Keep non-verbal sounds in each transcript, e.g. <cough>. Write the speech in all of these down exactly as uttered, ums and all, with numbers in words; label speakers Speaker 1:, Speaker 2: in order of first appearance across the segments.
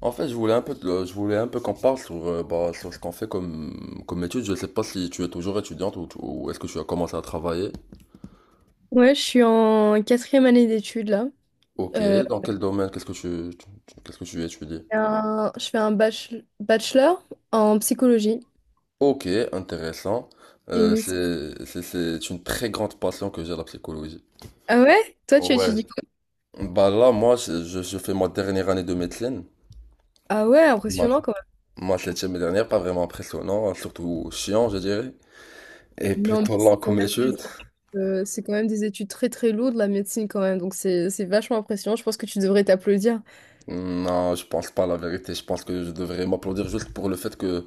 Speaker 1: En fait, je voulais un peu, te- je voulais un peu qu'on parle sur, euh, bah, sur ce qu'on fait comme, comme études. Je sais pas si tu es toujours étudiante ou, tu- ou est-ce que tu as commencé à travailler.
Speaker 2: Ouais, je suis en quatrième année d'études là.
Speaker 1: Ok,
Speaker 2: Euh,
Speaker 1: dans quel domaine, qu'est-ce que tu, tu- tu- qu'est-ce que tu étudies?
Speaker 2: j'ai un- je fais un bach- bachelor en psychologie,
Speaker 1: Ok, intéressant.
Speaker 2: une
Speaker 1: Euh,
Speaker 2: licence.
Speaker 1: c'est, c'est, c'est une très grande passion que j'ai, la psychologie.
Speaker 2: Ah ouais? Toi, tu
Speaker 1: Ouais.
Speaker 2: étudies quoi?
Speaker 1: Bah là, moi, je, je- je fais ma dernière année de médecine.
Speaker 2: Ah ouais,
Speaker 1: Ma,
Speaker 2: impressionnant quand
Speaker 1: ma septième et dernière, pas vraiment impressionnant, surtout chiant, je dirais. Et
Speaker 2: même. Non,
Speaker 1: plutôt
Speaker 2: mais c'est
Speaker 1: lent
Speaker 2: quand
Speaker 1: comme
Speaker 2: même
Speaker 1: étude.
Speaker 2: des, euh, c'est quand même des études très très lourdes, la médecine quand même. Donc c'est c'est vachement impressionnant. Je pense que tu devrais t'applaudir.
Speaker 1: Non, je pense pas à la vérité. Je pense que je devrais m'applaudir juste pour le fait que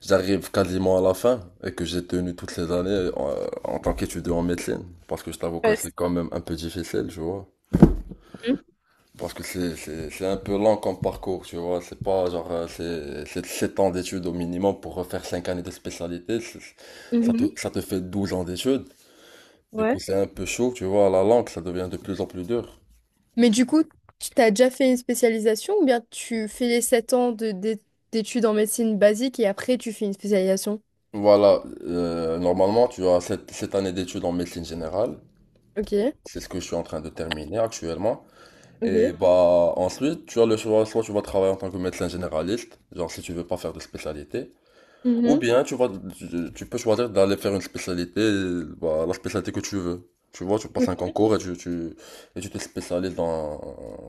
Speaker 1: j'arrive quasiment à la fin et que j'ai tenu toutes ces années en, en tant qu'étudiant en médecine. Parce que je t'avoue que
Speaker 2: Ouais.
Speaker 1: c'est quand même un peu difficile, tu vois.
Speaker 2: c'est-
Speaker 1: Parce que c'est, c'est, c'est un peu lent comme parcours, tu vois. C'est pas genre, euh, c'est, c'est sept ans d'études au minimum pour refaire cinq années de spécialité. C'est-
Speaker 2: Mhm.
Speaker 1: Ça te,
Speaker 2: Mhm.
Speaker 1: ça te fait douze ans d'études. Du coup,
Speaker 2: Ouais.
Speaker 1: c'est un peu chaud, tu vois. La langue, ça devient de plus en plus dur.
Speaker 2: Mais du coup, tu t'as déjà fait une spécialisation ou bien tu fais les sept ans de, d'é- d'études en médecine basique et après tu fais une spécialisation?
Speaker 1: Voilà, euh, normalement, tu as cette, cette année d'études en médecine générale.
Speaker 2: Ok.
Speaker 1: C'est ce que je suis en train de terminer actuellement. Et
Speaker 2: Ok.
Speaker 1: bah ensuite, tu as le choix, soit tu vas travailler en tant que médecin généraliste, genre si tu veux pas faire de spécialité, ou
Speaker 2: Mhm.
Speaker 1: bien tu vas tu, tu peux choisir d'aller faire une spécialité, bah, la spécialité que tu veux. Tu vois, tu passes un
Speaker 2: Ok.
Speaker 1: concours et tu, tu, et tu te spécialises dans,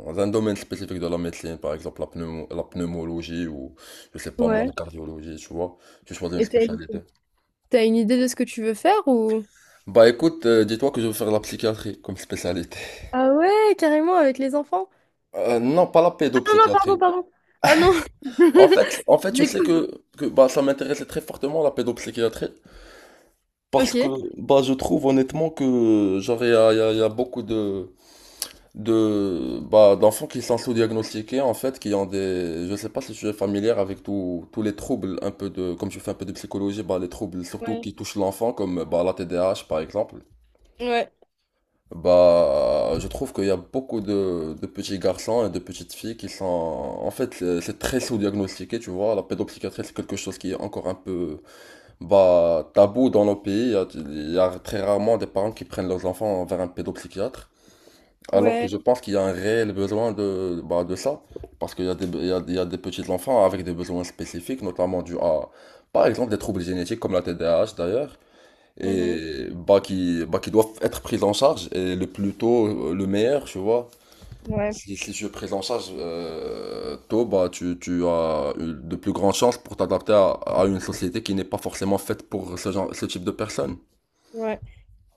Speaker 1: dans un domaine spécifique de la médecine, par exemple la pneumo- la pneumologie ou je sais pas moi,
Speaker 2: Ouais.
Speaker 1: la cardiologie, tu vois. Tu choisis une
Speaker 2: Et t'as une...
Speaker 1: spécialité.
Speaker 2: t'as une idée de ce que tu veux faire ou...
Speaker 1: Bah écoute, euh, dis-toi que je veux faire la psychiatrie comme spécialité.
Speaker 2: Ah ouais, carrément avec les enfants.
Speaker 1: Euh, non, pas la
Speaker 2: Ah non, non, pardon,
Speaker 1: pédopsychiatrie.
Speaker 2: pardon. Ah non.
Speaker 1: En fait, en
Speaker 2: <laughs>
Speaker 1: fait, je
Speaker 2: J'ai
Speaker 1: sais
Speaker 2: cru.
Speaker 1: que, que bah, ça m'intéressait très fortement la pédopsychiatrie parce
Speaker 2: Ok.
Speaker 1: que bah, je trouve honnêtement que genre il y a, il y a- il y a beaucoup de de bah, d'enfants qui sont sous-diagnostiqués en fait, qui ont des, je sais pas si tu es familière avec tous tous les troubles un peu de, comme je fais un peu de psychologie, bah les troubles surtout
Speaker 2: Ouais,
Speaker 1: qui touchent l'enfant comme bah la T D A H par exemple.
Speaker 2: ouais,
Speaker 1: Bah, je trouve qu'il y a beaucoup de, de petits garçons et de petites filles qui sont... En fait, c'est c'est très sous-diagnostiqué, tu vois. La pédopsychiatrie, c'est quelque chose qui est encore un peu bah, tabou dans nos pays. Il y a, il y a très rarement des parents qui prennent leurs enfants vers un pédopsychiatre. Alors que
Speaker 2: ouais,
Speaker 1: je pense qu'il y a un réel besoin de, bah, de ça. Parce qu'il y a des, il y a, il y a des petits enfants avec des besoins spécifiques, notamment dû à, par exemple, des troubles génétiques comme la T D A H d'ailleurs
Speaker 2: mhm,
Speaker 1: et bah qui bah qui doivent être prises en charge et le plus tôt euh, le meilleur tu vois
Speaker 2: ouais,
Speaker 1: si si tu es prise en charge euh, tôt bah tu tu as une- de plus grandes chances pour t'adapter à, à une société qui n'est pas forcément faite pour ce genre ce type de personnes.
Speaker 2: ouais.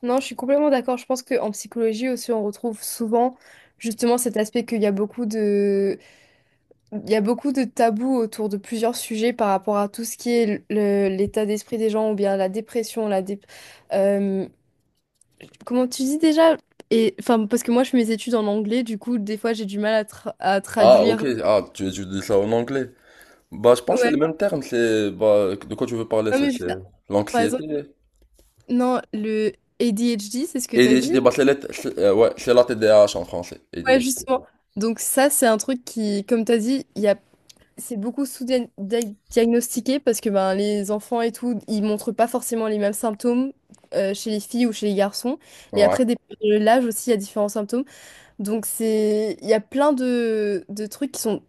Speaker 2: Non, je suis complètement d'accord. Je pense qu'en psychologie aussi, on retrouve souvent justement cet aspect qu'il y a beaucoup de, il y a beaucoup de tabous autour de plusieurs sujets par rapport à tout ce qui est le- l'état d'esprit des gens ou bien la dépression, la dé- euh, Comment tu dis déjà? Et enfin, parce que moi, je fais mes études en anglais, du coup, des fois, j'ai du mal à, tra- à
Speaker 1: Ah, ok,
Speaker 2: traduire.
Speaker 1: ah, tu tu dis ça en anglais? Bah, je pense que c'est
Speaker 2: Ouais,
Speaker 1: le même terme, c'est bah de quoi tu veux parler,
Speaker 2: non,
Speaker 1: c'est
Speaker 2: mais juste,
Speaker 1: c'est
Speaker 2: par exemple,
Speaker 1: l'anxiété.
Speaker 2: non, le A D H D, c'est ce que t'as dit?
Speaker 1: A D H D, bah, c'est la- c'est- euh, ouais, c'est la T D A H en français.
Speaker 2: Ouais,
Speaker 1: A D H D.
Speaker 2: justement. Donc, ça, c'est un truc qui, comme t'as dit, il y a... c'est beaucoup sous-diagnostiqué parce que ben, les enfants et tout, ils montrent pas forcément les mêmes symptômes euh, chez les filles ou chez les garçons. Et
Speaker 1: Ouais,
Speaker 2: après, dépendant de l'âge aussi, il y a différents symptômes. Donc, c'est... il y a plein de, de trucs qui sont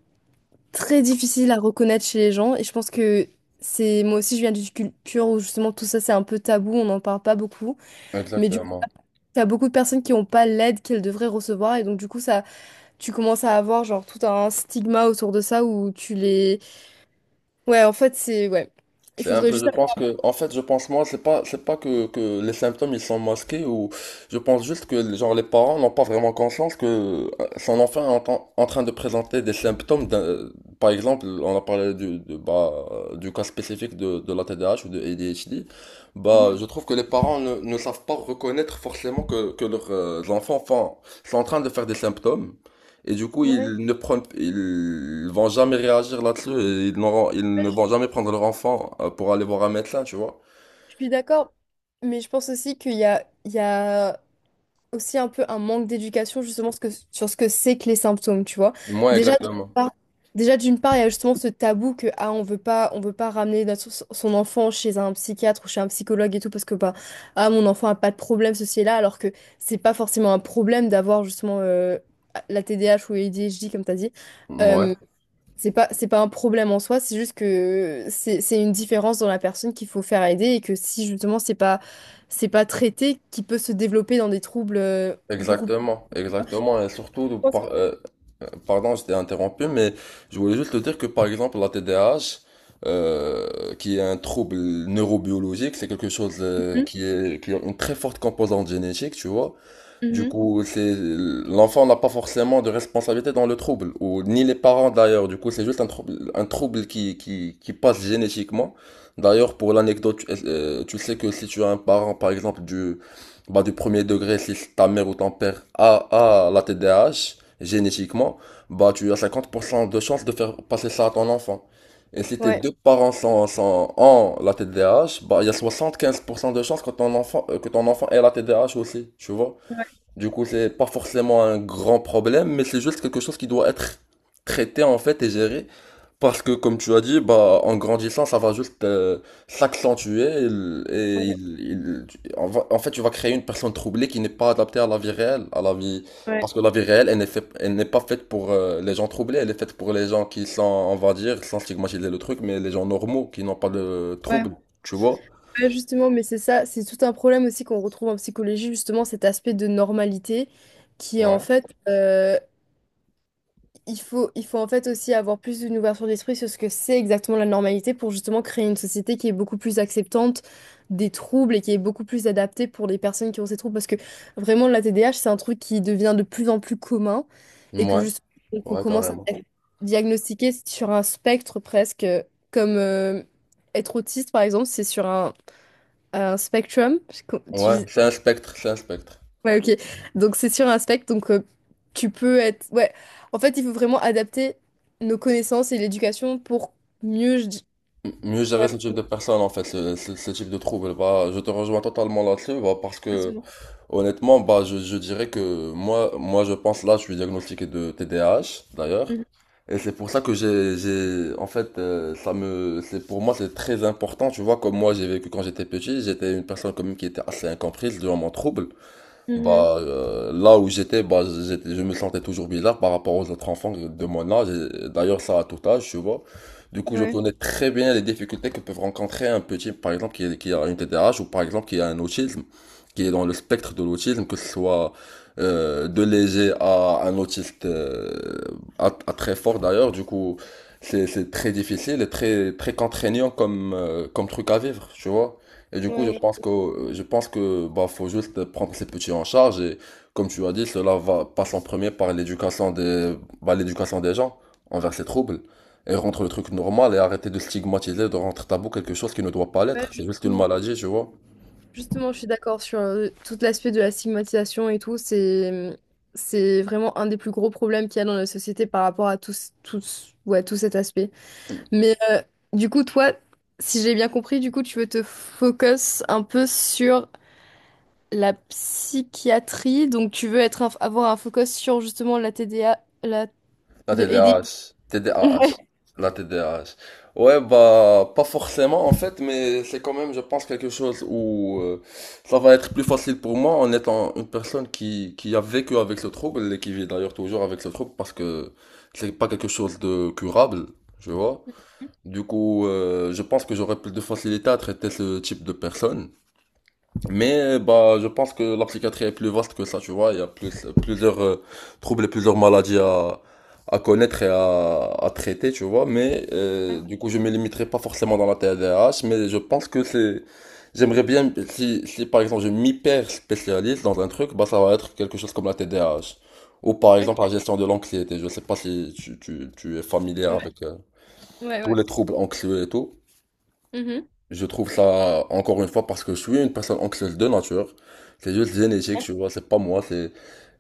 Speaker 2: très difficile à reconnaître chez les gens. Et je pense que c'est moi aussi, je viens d'une culture où justement tout ça c'est un peu tabou, on n'en parle pas beaucoup. Mais du coup,
Speaker 1: exactement.
Speaker 2: t'as beaucoup de personnes qui n'ont pas l'aide qu'elles devraient recevoir. Et donc, du coup, ça, tu commences à avoir genre tout un stigma autour de ça où tu les. Ouais, en fait, c'est. Ouais. Il
Speaker 1: C'est un
Speaker 2: faudrait
Speaker 1: peu, je
Speaker 2: juste.
Speaker 1: pense que, en fait, je pense moi, c'est pas, c'est pas que, que les symptômes ils sont masqués ou, je pense juste que, genre, les parents n'ont pas vraiment conscience que euh, son enfant est en, tra- en train de présenter des symptômes, d'un- par exemple, on a parlé du, de- bah, euh, du cas spécifique de, de la T D A H ou de A D H D, bah, je
Speaker 2: Mhm.
Speaker 1: trouve que les parents ne, ne savent pas reconnaître forcément que, que leurs euh, enfants font- sont en train de faire des symptômes. Et du coup,
Speaker 2: Ouais,
Speaker 1: ils ne prennent, ils vont jamais réagir là-dessus, et ils n'auront- ils
Speaker 2: Ouais,
Speaker 1: ne
Speaker 2: je
Speaker 1: vont jamais prendre leur enfant euh, pour aller voir un médecin, tu vois.
Speaker 2: je suis d'accord. Mais je pense aussi qu'il y a. Il y a aussi un peu un manque d'éducation justement ce que- sur ce que c'est que les symptômes, tu vois.
Speaker 1: Moi,
Speaker 2: Déjà, d'une
Speaker 1: exactement.
Speaker 2: part, déjà d'une part, il y a justement ce tabou que ah, on veut pas, on veut pas ramener notre- son enfant chez un psychiatre ou chez un psychologue et tout parce que bah ah mon enfant a pas de problème ceci et là alors que c'est pas forcément un problème d'avoir justement euh, la T D A H ou A D H D comme t'as dit.
Speaker 1: Ouais,
Speaker 2: Euh, c'est pas, c'est pas un problème en soi, c'est juste que c'est, c'est une différence dans la personne qu'il faut faire aider et que si justement c'est pas, c'est pas traité, qui peut se développer dans des troubles euh, beaucoup plus.
Speaker 1: exactement, exactement. Et
Speaker 2: Je
Speaker 1: surtout,
Speaker 2: pense
Speaker 1: par-
Speaker 2: que-
Speaker 1: euh, euh, pardon, je t'ai interrompu, mais je voulais juste te dire que, par exemple, la T D A H, euh, qui est un trouble neurobiologique, c'est quelque chose euh,
Speaker 2: Mhm,
Speaker 1: qui est, qui a une très forte composante génétique, tu vois. Du
Speaker 2: mhm.
Speaker 1: coup, c'est l'enfant n'a pas forcément de responsabilité dans le trouble, ou ni les parents d'ailleurs. Du coup, c'est juste un trouble, un trouble qui, qui, qui passe génétiquement. D'ailleurs, pour l'anecdote, tu euh, tu sais que si tu as un parent, par exemple, du, bah, du premier degré, si ta mère ou ton père a, a la T D A H, génétiquement, bah, tu as cinquante pour cent de chances de faire passer ça à ton enfant. Et si tes
Speaker 2: Ouais,
Speaker 1: deux parents sont, sont en la T D A H, bah, il y a soixante-quinze pour cent de chances que ton enfant, euh, que ton enfant ait la T D A H aussi, tu vois.
Speaker 2: Ouais,
Speaker 1: Du coup, c'est pas forcément un grand problème, mais c'est juste quelque chose qui doit être traité en fait et géré. Parce que comme tu as dit, bah en grandissant, ça va juste euh, s'accentuer et, il- et il- il- tu- en va- en fait, tu vas créer une personne troublée qui n'est pas adaptée à la vie réelle, à la vie
Speaker 2: ouais,
Speaker 1: parce que la vie réelle, elle n'est fait- elle n'est pas faite pour euh, les gens troublés, elle est faite pour les gens qui sont, on va dire, sans stigmatiser le truc, mais les gens normaux qui n'ont pas de trouble,
Speaker 2: ouais.
Speaker 1: tu vois?
Speaker 2: Ouais, justement, mais c'est ça, c'est tout un problème aussi qu'on retrouve en psychologie, justement cet aspect de normalité qui est en fait, euh, Il faut, il faut en fait aussi avoir plus une ouverture d'esprit sur ce que c'est exactement la normalité pour justement créer une société qui est beaucoup plus acceptante des troubles et qui est beaucoup plus adaptée pour les personnes qui ont ces troubles. Parce que vraiment, la T D A H, c'est un truc qui devient de plus en plus commun et que
Speaker 1: Ouais,
Speaker 2: juste qu'on
Speaker 1: ouais,
Speaker 2: commence à
Speaker 1: carrément.
Speaker 2: dia- diagnostiquer sur un spectre presque, euh, comme euh, être autiste par exemple, c'est sur un, un spectrum.
Speaker 1: Ouais, c'est un spectre, c'est un spectre.
Speaker 2: Ouais, ok. Donc c'est sur un spectre, donc euh, tu peux être... Ouais, en fait, il faut vraiment adapter nos connaissances et l'éducation pour mieux... Je... dis-
Speaker 1: Mieux gérer
Speaker 2: Ouais,
Speaker 1: ce type de personnes en fait, ce, ce- ce type de trouble. Bah, je te rejoins totalement là-dessus, bah, parce que
Speaker 2: absolument.
Speaker 1: honnêtement, bah, je, je dirais que moi, moi, je pense là, je suis diagnostiqué de T D A H d'ailleurs,
Speaker 2: Mhm,
Speaker 1: et c'est pour ça que j'ai, j'ai, en fait, euh, ça me, c'est pour moi, c'est très important. Tu vois, comme moi, j'ai vécu quand j'étais petit, j'étais une personne comme qui était assez incomprise durant mon trouble.
Speaker 2: mhm.
Speaker 1: Bah, euh, là où j'étais, bah, j'étais, je me sentais toujours bizarre par rapport aux autres enfants de mon âge. Et d'ailleurs, ça à tout âge, tu vois. Du coup, je
Speaker 2: Ouais.
Speaker 1: connais très bien les difficultés que peuvent rencontrer un petit, par exemple, qui, est- qui a une T D A H ou par exemple qui a un autisme, qui est dans le spectre de l'autisme, que ce soit euh, de léger à un autiste euh, à, à très fort d'ailleurs. Du coup, c'est, c'est très difficile et très, très contraignant comme, euh, comme truc à vivre, tu vois. Et du coup, je
Speaker 2: Ouais,
Speaker 1: pense que je pense que bah faut juste prendre ces petits en charge et comme tu as dit, cela va passe en premier par l'éducation des bah, l'éducation des gens envers ces troubles et rendre le truc normal et arrêter de stigmatiser, de rendre tabou quelque chose qui ne doit pas
Speaker 2: je- ouais,
Speaker 1: l'être. C'est juste une
Speaker 2: justement.
Speaker 1: maladie, tu vois.
Speaker 2: Justement, je suis d'accord sur euh, tout l'aspect de la stigmatisation et tout. C'est, c'est vraiment un des plus gros problèmes qu'il y a dans la société par rapport à tous, tous, ouais, tout cet aspect. Mais euh, du coup, toi, si j'ai bien compris, du coup, tu veux te focus un peu sur La psychiatrie, donc tu veux être un- avoir un focus sur justement la T D A, la
Speaker 1: La
Speaker 2: de aider.
Speaker 1: T D A H.
Speaker 2: Ouais,
Speaker 1: T D A H. La T D A H. Ouais, bah, pas forcément en fait, mais c'est quand même, je pense, quelque chose où euh, ça va être plus facile pour moi en étant une personne qui, qui a vécu avec ce trouble et qui vit d'ailleurs toujours avec ce trouble parce que c'est pas quelque chose de curable, je vois. Du coup, euh, je pense que j'aurais plus de facilité à traiter ce type de personne. Mais euh, bah, je pense que la psychiatrie est plus vaste que ça, tu vois. Il y a plus, plusieurs euh, troubles et plusieurs maladies à, à connaître et à, à traiter, tu vois. Mais euh, du coup, je me limiterai pas forcément dans la T D A H, mais je pense que c'est... J'aimerais bien, si, si par exemple je m'hyper spécialise dans un truc, bah ça va être quelque chose comme la T D A H. Ou par exemple
Speaker 2: ok,
Speaker 1: la gestion de l'anxiété. Je sais pas si tu, tu, tu es familier
Speaker 2: ouais,
Speaker 1: avec euh,
Speaker 2: ouais.
Speaker 1: tous
Speaker 2: ouais.
Speaker 1: les troubles anxieux et tout.
Speaker 2: Mhm.
Speaker 1: Je trouve ça, encore une fois, parce que je suis une personne anxieuse de nature. C'est juste génétique, tu vois, c'est pas moi, c'est...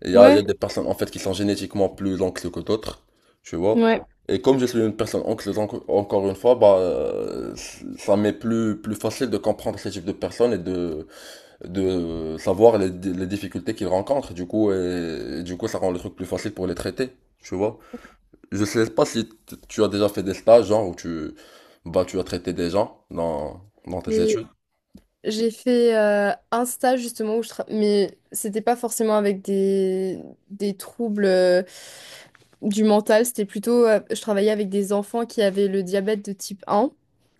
Speaker 1: Il y a, il y a
Speaker 2: Ouais,
Speaker 1: des personnes, en fait, qui sont génétiquement plus anxieuses que d'autres, tu vois.
Speaker 2: ouais.
Speaker 1: Et comme je suis une personne anxieuse, enco- encore une fois, bah, euh, ça m'est plus, plus facile de comprendre ce type de personnes et de, de savoir les, les difficultés qu'ils rencontrent, du coup, et, et du coup, ça rend le truc plus facile pour les traiter, tu vois. Je sais pas si t- tu as déjà fait des stages, genre, où tu, bah, tu as traité des gens dans, dans tes
Speaker 2: J'ai
Speaker 1: études.
Speaker 2: j'ai fait euh, un stage justement où je tra- mais c'était pas forcément avec des, des troubles euh, du mental, c'était plutôt euh, je travaillais avec des enfants qui avaient le diabète de type un.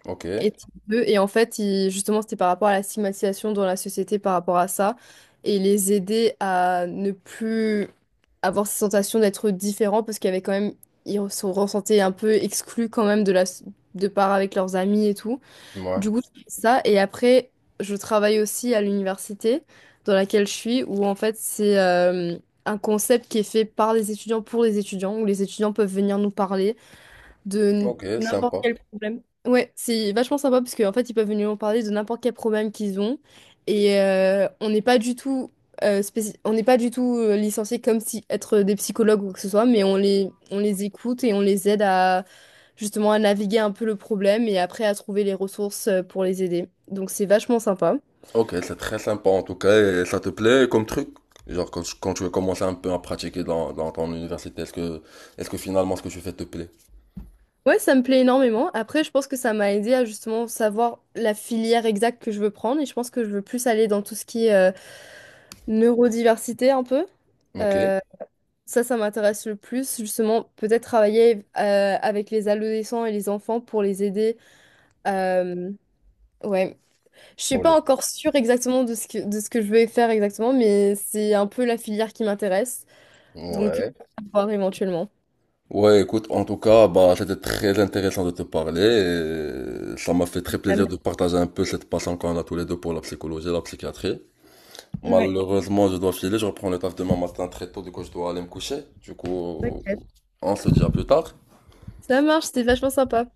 Speaker 1: Ok,
Speaker 2: Et type deux, et en fait, il- justement, c'était par rapport à la stigmatisation dans la société par rapport à ça, et les aider à ne plus avoir cette sensation d'être différents, parce qu'il y avait quand même, ils se ressentaient un peu exclus quand même de la, de part avec leurs amis et tout.
Speaker 1: ouais,
Speaker 2: Du coup, je fais ça, et après, je travaille aussi à l'université dans laquelle je suis, où en fait, c'est euh, un concept qui est fait par les étudiants pour les étudiants, où les étudiants peuvent venir nous parler de
Speaker 1: ok,
Speaker 2: n'importe
Speaker 1: sympa.
Speaker 2: quel problème. Ouais, c'est vachement sympa parce qu'en fait, ils peuvent venir nous parler de n'importe quel problème qu'ils ont. Et euh, on n'est pas du tout, euh, spéci- on n'est pas du tout euh, licenciés comme si être des psychologues ou quoi que ce soit, mais on les, on les écoute et on les aide à justement à naviguer un peu le problème et après à trouver les ressources euh, pour les aider. Donc c'est vachement sympa.
Speaker 1: Ok, c'est très sympa en tout cas, et ça te plaît comme truc? Genre, quand, tu- quand tu as commencé un peu à pratiquer dans, dans ton université, est-ce que, est-ce que finalement ce que tu fais te plaît?
Speaker 2: Ouais, ça me plaît énormément. Après, je pense que ça m'a aidé à justement savoir la filière exacte que je veux prendre et je pense que je veux plus aller dans tout ce qui est euh, Neurodiversité un peu.
Speaker 1: Ok.
Speaker 2: Euh, ça, ça m'intéresse le plus. Justement, peut-être travailler euh, avec les adolescents et les enfants pour les aider. Euh, ouais. Je suis
Speaker 1: Pour
Speaker 2: pas
Speaker 1: le-
Speaker 2: encore sûre exactement de ce que, de ce que je vais faire exactement, mais c'est un peu la filière qui m'intéresse. Donc,
Speaker 1: Ouais.
Speaker 2: à voir éventuellement.
Speaker 1: Ouais, écoute, en tout cas, bah, c'était très intéressant de te parler et ça m'a fait très
Speaker 2: Euh,
Speaker 1: plaisir de partager un peu cette passion qu'on a tous les deux pour la psychologie et la psychiatrie.
Speaker 2: ouais.
Speaker 1: Malheureusement, je dois filer, je reprends le taf demain matin très tôt, du coup je dois aller me coucher. Du coup,
Speaker 2: Ok.
Speaker 1: on se dit à plus tard.
Speaker 2: Ça marche, c'était vachement sympa.